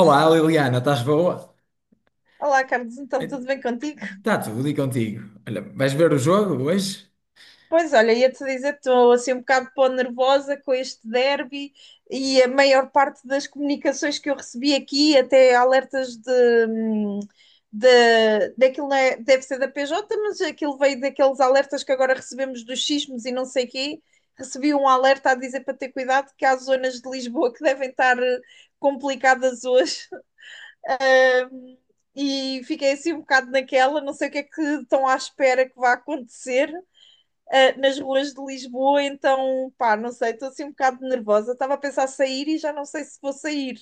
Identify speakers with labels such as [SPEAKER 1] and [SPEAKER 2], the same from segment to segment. [SPEAKER 1] Olá, Liliana, estás boa?
[SPEAKER 2] Olá, Carlos, então tudo bem contigo?
[SPEAKER 1] Está tudo e contigo? Olha, vais ver o jogo hoje?
[SPEAKER 2] Pois olha, ia-te dizer, estou assim um bocado pó nervosa com este derby e a maior parte das comunicações que eu recebi aqui, até alertas hum, de daquilo não é- deve ser da PJ, mas aquilo veio daqueles alertas que agora recebemos dos sismos e não sei quê. Recebi um alerta a dizer para ter cuidado que há zonas de Lisboa que devem estar complicadas hoje e fiquei assim um bocado naquela, não sei o que é que estão à espera que vá acontecer. Nas ruas de Lisboa, então, pá, não sei, estou assim um bocado nervosa. Estava a pensar sair e já não sei se vou sair.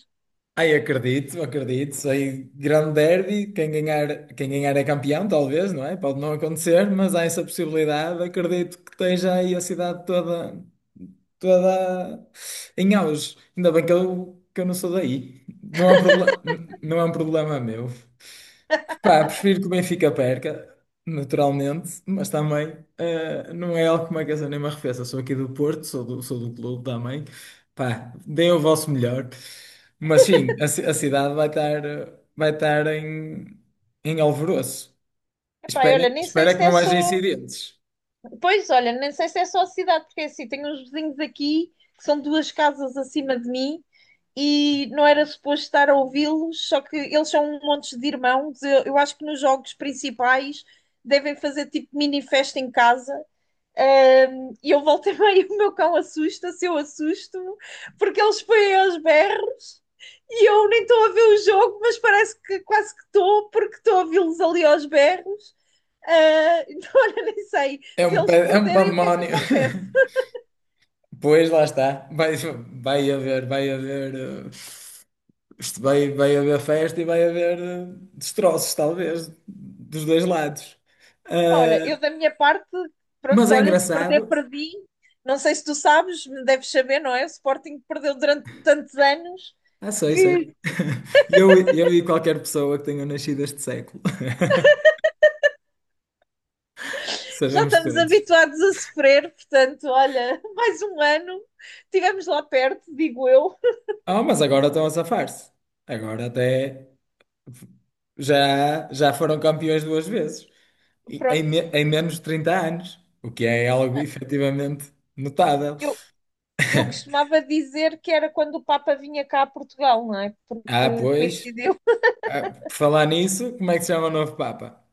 [SPEAKER 1] Ai, acredito, acredito. Sei grande derby, quem ganhar é campeão, talvez, não é? Pode não acontecer, mas há essa possibilidade. Acredito que esteja aí a cidade toda, toda em auge. Ainda bem que eu não sou daí. Não é um problema, não é um problema meu. Pá, prefiro que o Benfica perca, naturalmente, mas também não é algo que me aqueça nem me arrefeça. Sou aqui do Porto, sou do clube também. Pá, deem o vosso melhor. Mas sim, a cidade vai estar em alvoroço.
[SPEAKER 2] Epá,
[SPEAKER 1] Espera,
[SPEAKER 2] olha, nem sei
[SPEAKER 1] espera que
[SPEAKER 2] se é
[SPEAKER 1] não haja
[SPEAKER 2] só.
[SPEAKER 1] incidentes.
[SPEAKER 2] Pois, olha, nem sei se é só a cidade, porque é assim, tenho uns vizinhos aqui que são duas casas acima de mim e não era suposto estar a ouvi-los, só que eles são um monte de irmãos. Eu acho que nos jogos principais devem fazer tipo mini festa em casa. E eu voltei bem, o meu cão assusta-se, eu assusto-me, porque eles põem aos berros e eu nem estou a ver o jogo, mas parece que quase que estou, porque estou a vê-los ali aos berros. Então, olha, nem sei
[SPEAKER 1] É um,
[SPEAKER 2] se eles
[SPEAKER 1] pe- é um
[SPEAKER 2] perderem o que é que
[SPEAKER 1] pandemónio.
[SPEAKER 2] acontece.
[SPEAKER 1] Pois, lá está. Vai haver, vai haver. eh, Isto vai haver festa e vai haver destroços, talvez, dos dois lados.
[SPEAKER 2] Olha,
[SPEAKER 1] Ah,
[SPEAKER 2] eu da minha parte,
[SPEAKER 1] mas
[SPEAKER 2] pronto,
[SPEAKER 1] é
[SPEAKER 2] olha, se perder,
[SPEAKER 1] engraçado.
[SPEAKER 2] perdi. Não sei se tu sabes, deves saber, não é? O Sporting perdeu durante tantos anos
[SPEAKER 1] Ah, sei,
[SPEAKER 2] que
[SPEAKER 1] sei. Eu e qualquer pessoa que tenha nascido este século.
[SPEAKER 2] já
[SPEAKER 1] Sabemos
[SPEAKER 2] estamos
[SPEAKER 1] todos.
[SPEAKER 2] habituados a sofrer, portanto, olha, mais um ano, estivemos lá perto, digo eu.
[SPEAKER 1] Ah, mas agora estão a safar-se. Agora até já foram campeões duas vezes. E Em,
[SPEAKER 2] Pronto,
[SPEAKER 1] me- em menos de 30 anos. O que é algo efetivamente notável.
[SPEAKER 2] eu, eu costumava dizer que era quando o Papa vinha cá a Portugal, não é?
[SPEAKER 1] Ah,
[SPEAKER 2] Porque
[SPEAKER 1] pois.
[SPEAKER 2] coincidiu.
[SPEAKER 1] Ah, por falar nisso, como é que se chama o novo Papa?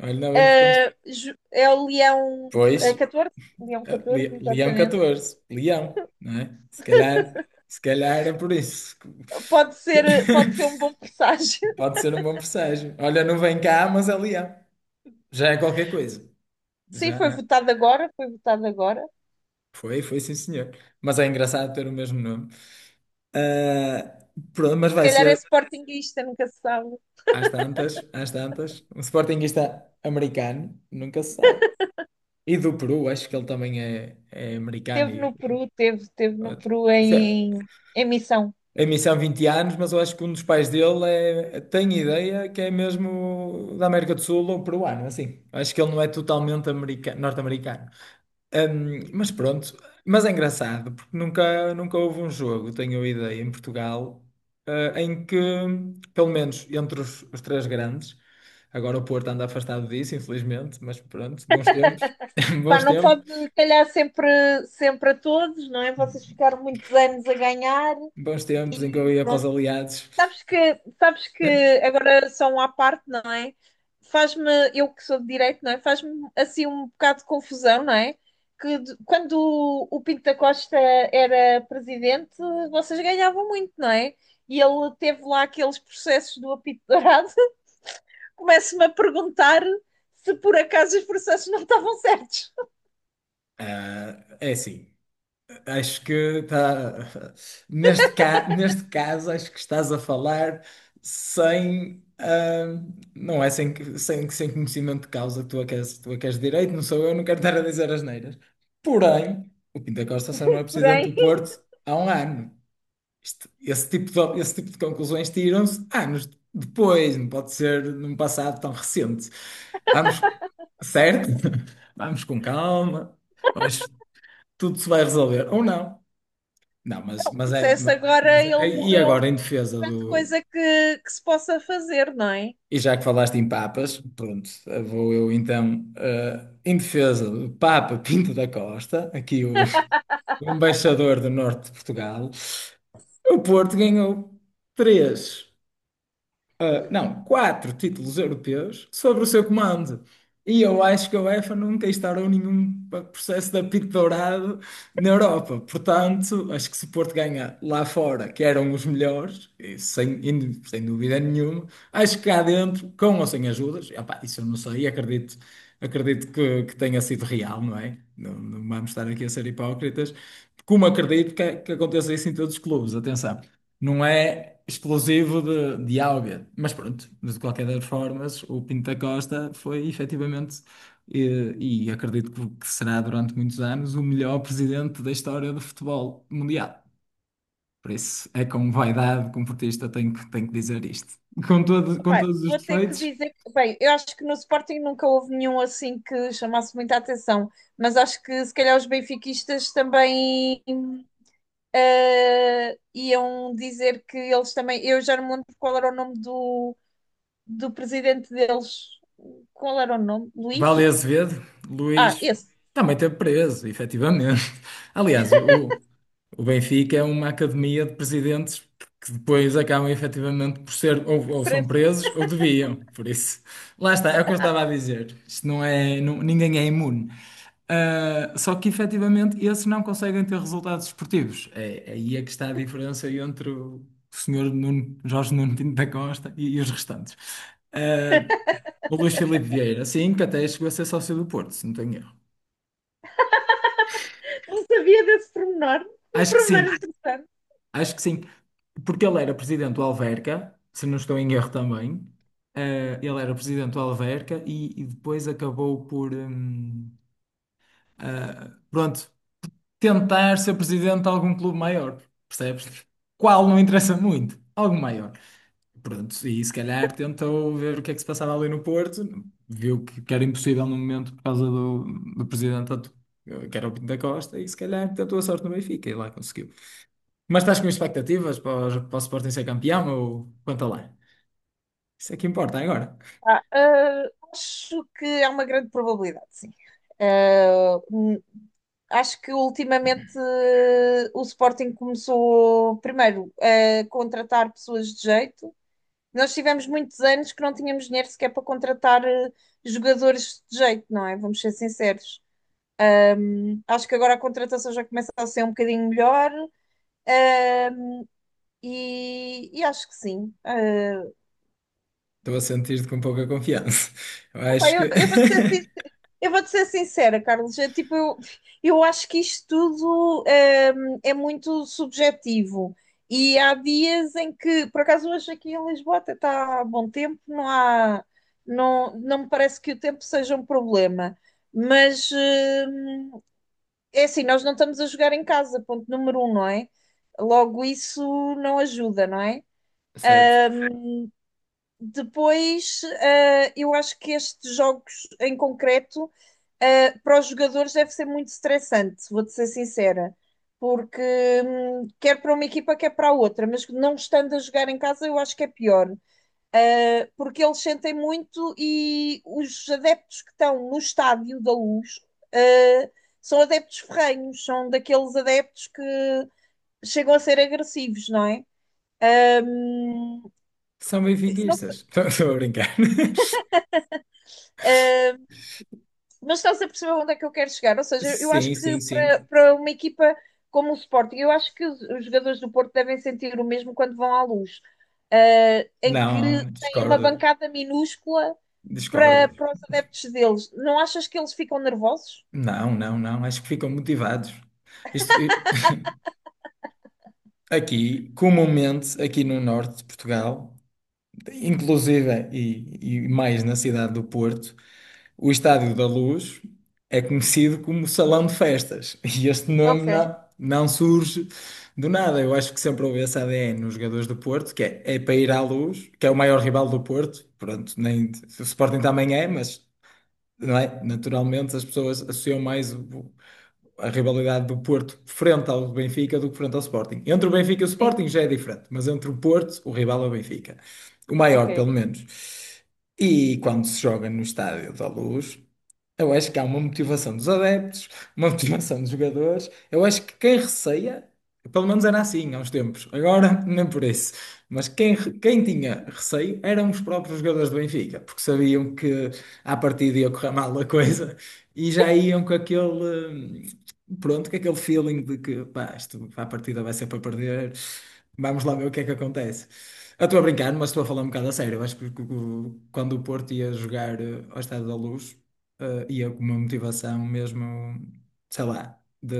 [SPEAKER 1] Olha, ainda bem que ficaste.
[SPEAKER 2] Ah, é o Leão
[SPEAKER 1] Pois,
[SPEAKER 2] 14, Leão 14
[SPEAKER 1] Leão
[SPEAKER 2] exatamente.
[SPEAKER 1] XIV, Leão, não é? Se calhar era por isso.
[SPEAKER 2] Pode ser um bom presságio.
[SPEAKER 1] Pode ser um bom presságio. Olha, não vem cá, mas é Leão. Já é qualquer coisa.
[SPEAKER 2] Sim,
[SPEAKER 1] Já
[SPEAKER 2] foi
[SPEAKER 1] é.
[SPEAKER 2] votado agora, foi votado agora.
[SPEAKER 1] Foi sim, senhor. Mas é engraçado ter o mesmo nome. Ah, pronto, mas
[SPEAKER 2] Se
[SPEAKER 1] vai
[SPEAKER 2] calhar é
[SPEAKER 1] ser
[SPEAKER 2] sportinguista, nunca se sabe.
[SPEAKER 1] às tantas, às tantas. Um sportinguista americano, nunca se sabe. E do Peru, acho que ele também é americano.
[SPEAKER 2] Teve no Peru, teve no Peru
[SPEAKER 1] Se-
[SPEAKER 2] em missão.
[SPEAKER 1] a missão 20 anos, mas eu acho que um dos pais dele tem ideia que é mesmo da América do Sul ou peruano, assim. Acho que ele não é totalmente norte-americano. Mas pronto, mas é engraçado, porque nunca, nunca houve um jogo, tenho a ideia, em Portugal, em que, pelo menos entre os três grandes, agora o Porto anda afastado disso, infelizmente, mas pronto, bons tempos,
[SPEAKER 2] Pá,
[SPEAKER 1] bons
[SPEAKER 2] não pode
[SPEAKER 1] tempos.
[SPEAKER 2] calhar sempre, sempre a todos, não é? Vocês ficaram muitos anos a ganhar.
[SPEAKER 1] Bons tempos em que eu ia para os aliados.
[SPEAKER 2] Sabes que, sabes que
[SPEAKER 1] Né?
[SPEAKER 2] agora só um à parte, não é? Faz-me, eu que sou de direito, não é? Faz-me assim um bocado de confusão, não é? Que quando o Pinto da Costa era presidente, vocês ganhavam muito, não é? E ele teve lá aqueles processos do apito dourado. Começo-me a perguntar se por acaso os processos não estavam certos.
[SPEAKER 1] Ah, é assim, acho que está. Neste caso, acho que estás a falar sem. Ah, não é sem, sem conhecimento de causa. Tu é que és, tu é que és de direito, não sou eu, não quero estar a dizer asneiras. Porém, o Pinto da Costa só não é presidente
[SPEAKER 2] Porém,
[SPEAKER 1] do Porto há um ano. Esse tipo de conclusões tiram-se anos depois, não pode ser num passado tão recente. Vamos, certo? Vamos com calma, mas tudo se vai resolver. Ou não. Não, mas, mas é.
[SPEAKER 2] processo agora
[SPEAKER 1] mas
[SPEAKER 2] ele
[SPEAKER 1] é- e
[SPEAKER 2] morreu,
[SPEAKER 1] agora,
[SPEAKER 2] não
[SPEAKER 1] em
[SPEAKER 2] há
[SPEAKER 1] defesa
[SPEAKER 2] grande
[SPEAKER 1] do.
[SPEAKER 2] coisa que se possa fazer, não é?
[SPEAKER 1] E já que falaste em papas, pronto, vou eu então, em defesa do Papa Pinto da Costa, aqui o, o embaixador do norte de Portugal, o Porto ganhou três, ah, não, quatro títulos europeus sobre o seu comando. E eu acho que a UEFA nunca instaurou nenhum processo de apito dourado na Europa. Portanto, acho que se o Porto ganha lá fora, que eram os melhores, e sem dúvida nenhuma, acho que cá dentro, com ou sem ajudas, opá, isso eu não sei, acredito, acredito que tenha sido real, não é? Não, não vamos estar aqui a ser hipócritas, como acredito que aconteça isso em todos os clubes, atenção não é explosivo de, Ábia. Mas pronto, mas de qualquer das formas, o Pinto da Costa foi efetivamente, e acredito que será durante muitos anos, o melhor presidente da história do futebol mundial. Por isso, é com vaidade, como portista, tenho que dizer isto. Com todo, com
[SPEAKER 2] Epá,
[SPEAKER 1] todos os
[SPEAKER 2] vou ter que
[SPEAKER 1] defeitos,
[SPEAKER 2] dizer, bem, eu acho que no Sporting nunca houve nenhum assim que chamasse muita atenção, mas acho que se calhar os benfiquistas também iam dizer que eles também, eu já não me lembro qual era o nome do presidente deles, qual era o nome?
[SPEAKER 1] Vale
[SPEAKER 2] Luís?
[SPEAKER 1] Azevedo,
[SPEAKER 2] Ah,
[SPEAKER 1] Luís
[SPEAKER 2] esse,
[SPEAKER 1] também esteve preso, efetivamente. Aliás, o, O Benfica é uma academia de presidentes que depois acabam efetivamente por ser ou são
[SPEAKER 2] Preferência.
[SPEAKER 1] presos ou deviam. Por isso, lá está, é o que eu estava a dizer. Isto ninguém é imune. Ah, só que efetivamente esses não conseguem ter resultados esportivos. É aí é que está a diferença entre o senhor Jorge Nuno Pinto da Costa e os restantes. Ah, o Luís Filipe Vieira, sim, que até chegou a ser sócio do Porto, se não tenho erro.
[SPEAKER 2] Não sabia desse pormenor, um
[SPEAKER 1] Acho que
[SPEAKER 2] pormenor
[SPEAKER 1] sim.
[SPEAKER 2] interessante.
[SPEAKER 1] Acho que sim, porque ele era presidente do Alverca, se não estou em erro também. Ele era presidente do Alverca e depois acabou por, pronto, tentar ser presidente de algum clube maior, percebes? Qual não interessa muito, algo maior. Pronto, e se calhar tentou ver o que é que se passava ali no Porto, viu que era impossível no momento por causa do presidente que era o Pinto da Costa, e se calhar tentou a sorte no Benfica e lá conseguiu. Mas estás com expectativas para o Sporting ser campeão ou quanto lá? Isso é que importa agora.
[SPEAKER 2] Ah, acho que é uma grande probabilidade, sim. Ah, acho que ultimamente o Sporting começou primeiro a contratar pessoas de jeito. Nós tivemos muitos anos que não tínhamos dinheiro sequer para contratar jogadores de jeito, não é? Vamos ser sinceros. Acho que agora a contratação já começa a ser um bocadinho melhor, ah, e acho que sim. Ah,
[SPEAKER 1] Estou a sentir-te com pouca confiança. Eu
[SPEAKER 2] opa,
[SPEAKER 1] acho que.
[SPEAKER 2] Eu vou-te ser sincera, Carlos. Eu, tipo, eu acho que isto tudo é muito subjetivo. E há dias em que, por acaso, hoje aqui em Lisboa até está bom tempo, não há, não, não me parece que o tempo seja um problema. Mas é assim, nós não estamos a jogar em casa, ponto número um, não é? Logo, isso não ajuda, não é?
[SPEAKER 1] Certo.
[SPEAKER 2] Depois, eu acho que estes jogos em concreto, para os jogadores deve ser muito estressante, vou-te ser sincera, porque quer para uma equipa, quer para a outra, mas não estando a jogar em casa, eu acho que é pior, porque eles sentem muito e os adeptos que estão no estádio da Luz, uh, são adeptos ferrenhos, são daqueles adeptos que chegam a ser agressivos, não é? Um,
[SPEAKER 1] São
[SPEAKER 2] não sei,
[SPEAKER 1] benfiquistas. Estou a brincar.
[SPEAKER 2] ah, mas estás a perceber onde é que eu quero chegar? Ou seja, eu acho
[SPEAKER 1] Sim, sim,
[SPEAKER 2] que para,
[SPEAKER 1] sim.
[SPEAKER 2] para uma equipa como o Sporting, eu acho que os jogadores do Porto devem sentir o mesmo quando vão à luz, em que
[SPEAKER 1] Não,
[SPEAKER 2] têm uma
[SPEAKER 1] discordo.
[SPEAKER 2] bancada minúscula
[SPEAKER 1] Discordo.
[SPEAKER 2] para os adeptos deles. Não achas que eles ficam nervosos?
[SPEAKER 1] Não, não, não. Acho que ficam motivados. Isto, aqui, comumente, aqui no norte de Portugal, inclusive e mais na cidade do Porto. O Estádio da Luz é conhecido como Salão de Festas e este nome
[SPEAKER 2] Ok.
[SPEAKER 1] não surge do nada. Eu acho que sempre houve esse ADN nos jogadores do Porto, que é para ir à Luz, que é o maior rival do Porto. Pronto, nem, o Sporting também é, mas não é? Naturalmente as pessoas associam mais a rivalidade do Porto frente ao Benfica do que frente ao Sporting. Entre o Benfica e o
[SPEAKER 2] Sim,
[SPEAKER 1] Sporting já é diferente, mas entre o Porto, o rival é o Benfica. O maior, pelo
[SPEAKER 2] ok.
[SPEAKER 1] menos. E quando se joga no Estádio da Luz. Eu acho que há uma motivação dos adeptos, uma motivação dos jogadores. Eu acho que quem receia, pelo menos era assim há uns tempos, agora nem por isso, mas quem, tinha receio eram os próprios jogadores do Benfica, porque sabiam que à partida ia correr mal a coisa e já iam com aquele, pronto, com aquele feeling de que pá, isto, à partida vai ser para perder, vamos lá ver o que é que acontece. Eu estou a brincar, mas estou a falar um bocado a sério. Eu acho que quando o Porto ia jogar ao Estádio da Luz uma motivação mesmo, sei lá, de,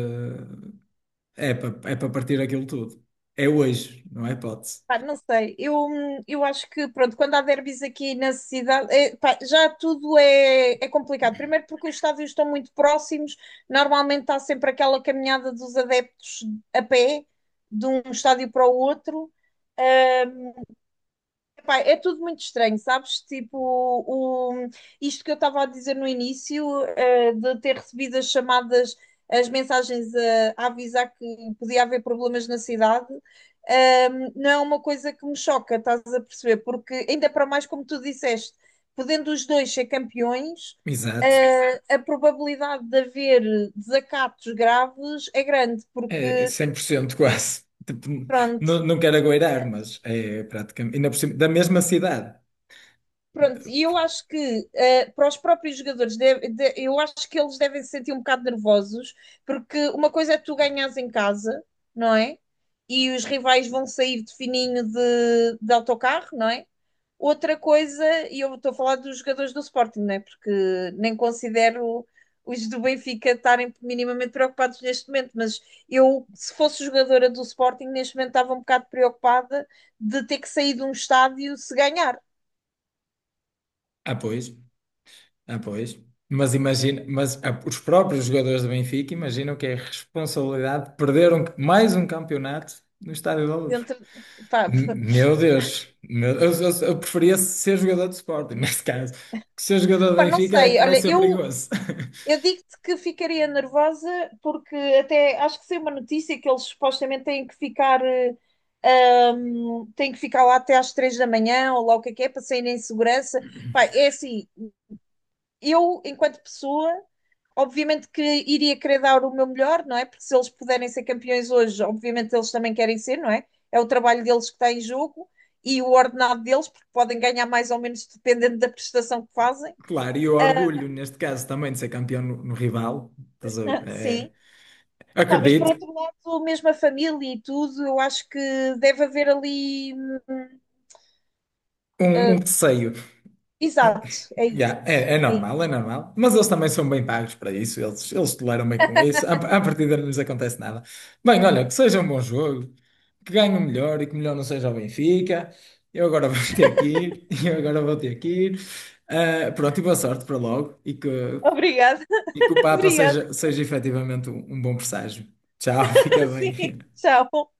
[SPEAKER 1] é para é para partir aquilo tudo. É hoje, não é hipótese.
[SPEAKER 2] Pá, não sei, eu acho que, pronto, quando há derbys aqui na cidade, eh, pá, já tudo é complicado. Primeiro porque os estádios estão muito próximos, normalmente há sempre aquela caminhada dos adeptos a pé, de um estádio para o outro. Pá, é tudo muito estranho, sabes? Tipo, o, isto que eu estava a dizer no início, de ter recebido as chamadas, as mensagens a avisar que podia haver problemas na cidade, não é uma coisa que me choca, estás a perceber? Porque, ainda para mais, como tu disseste, podendo os dois ser campeões,
[SPEAKER 1] Exato.
[SPEAKER 2] a probabilidade de haver desacatos graves é grande,
[SPEAKER 1] É
[SPEAKER 2] porque,
[SPEAKER 1] 100% quase. Tipo,
[SPEAKER 2] pronto.
[SPEAKER 1] não, não quero agoirar, mas é praticamente. Ainda por cima, da mesma cidade.
[SPEAKER 2] Pronto, e eu acho que para os próprios jogadores, eu acho que eles devem se sentir um bocado nervosos, porque uma coisa é tu ganhares em casa, não é? E os rivais vão sair de fininho de autocarro, não é? Outra coisa, e eu estou a falar dos jogadores do Sporting, não é? Porque nem considero os do Benfica estarem minimamente preocupados neste momento, mas eu, se fosse jogadora do Sporting, neste momento estava um bocado preocupada de ter que sair de um estádio se ganhar.
[SPEAKER 1] Ah, pois. Ah, pois. Mas imagina, mas os próprios jogadores do Benfica imaginam que é a responsabilidade de perder mais um campeonato no Estádio da Luz.
[SPEAKER 2] Dentro. Pá,
[SPEAKER 1] Meu Deus, eu preferia ser jogador de Sporting, neste caso. Que ser jogador do
[SPEAKER 2] pá, não
[SPEAKER 1] Benfica é
[SPEAKER 2] sei.
[SPEAKER 1] que vai
[SPEAKER 2] Olha,
[SPEAKER 1] ser
[SPEAKER 2] eu,
[SPEAKER 1] perigoso.
[SPEAKER 2] eu digo-te que ficaria nervosa porque até acho que saiu uma notícia que eles supostamente têm que ficar lá até às 3 da manhã ou lá o que é para saírem em segurança. Pá, é assim, eu, enquanto pessoa, obviamente que iria querer dar o meu melhor, não é? Porque se eles puderem ser campeões hoje, obviamente eles também querem ser, não é? É o trabalho deles que está em jogo e o ordenado deles, porque podem ganhar mais ou menos dependendo da prestação que fazem.
[SPEAKER 1] Claro, e o orgulho, neste caso, também de ser campeão no, rival. Estás a ver?
[SPEAKER 2] Sim.
[SPEAKER 1] É,
[SPEAKER 2] Opa, mas por
[SPEAKER 1] acredito,
[SPEAKER 2] outro lado, mesmo a família e tudo, eu acho que deve haver ali.
[SPEAKER 1] um
[SPEAKER 2] Ah,
[SPEAKER 1] receio.
[SPEAKER 2] exato, é isso.
[SPEAKER 1] Yeah, é, é
[SPEAKER 2] É
[SPEAKER 1] normal, é
[SPEAKER 2] isso.
[SPEAKER 1] normal. Mas eles também são bem pagos para isso, eles toleram bem com isso. À partida não lhes acontece nada. Bem, olha, que seja um bom jogo, que ganhe o melhor e que o melhor não seja o Benfica. Eu agora vou ter que ir, eu agora vou ter que ir. Ah, pronto, e boa sorte para logo e que,
[SPEAKER 2] Obrigada,
[SPEAKER 1] e que o Papa
[SPEAKER 2] obrigada.
[SPEAKER 1] seja efetivamente um bom presságio. Tchau, fica bem.
[SPEAKER 2] Sim, tchau.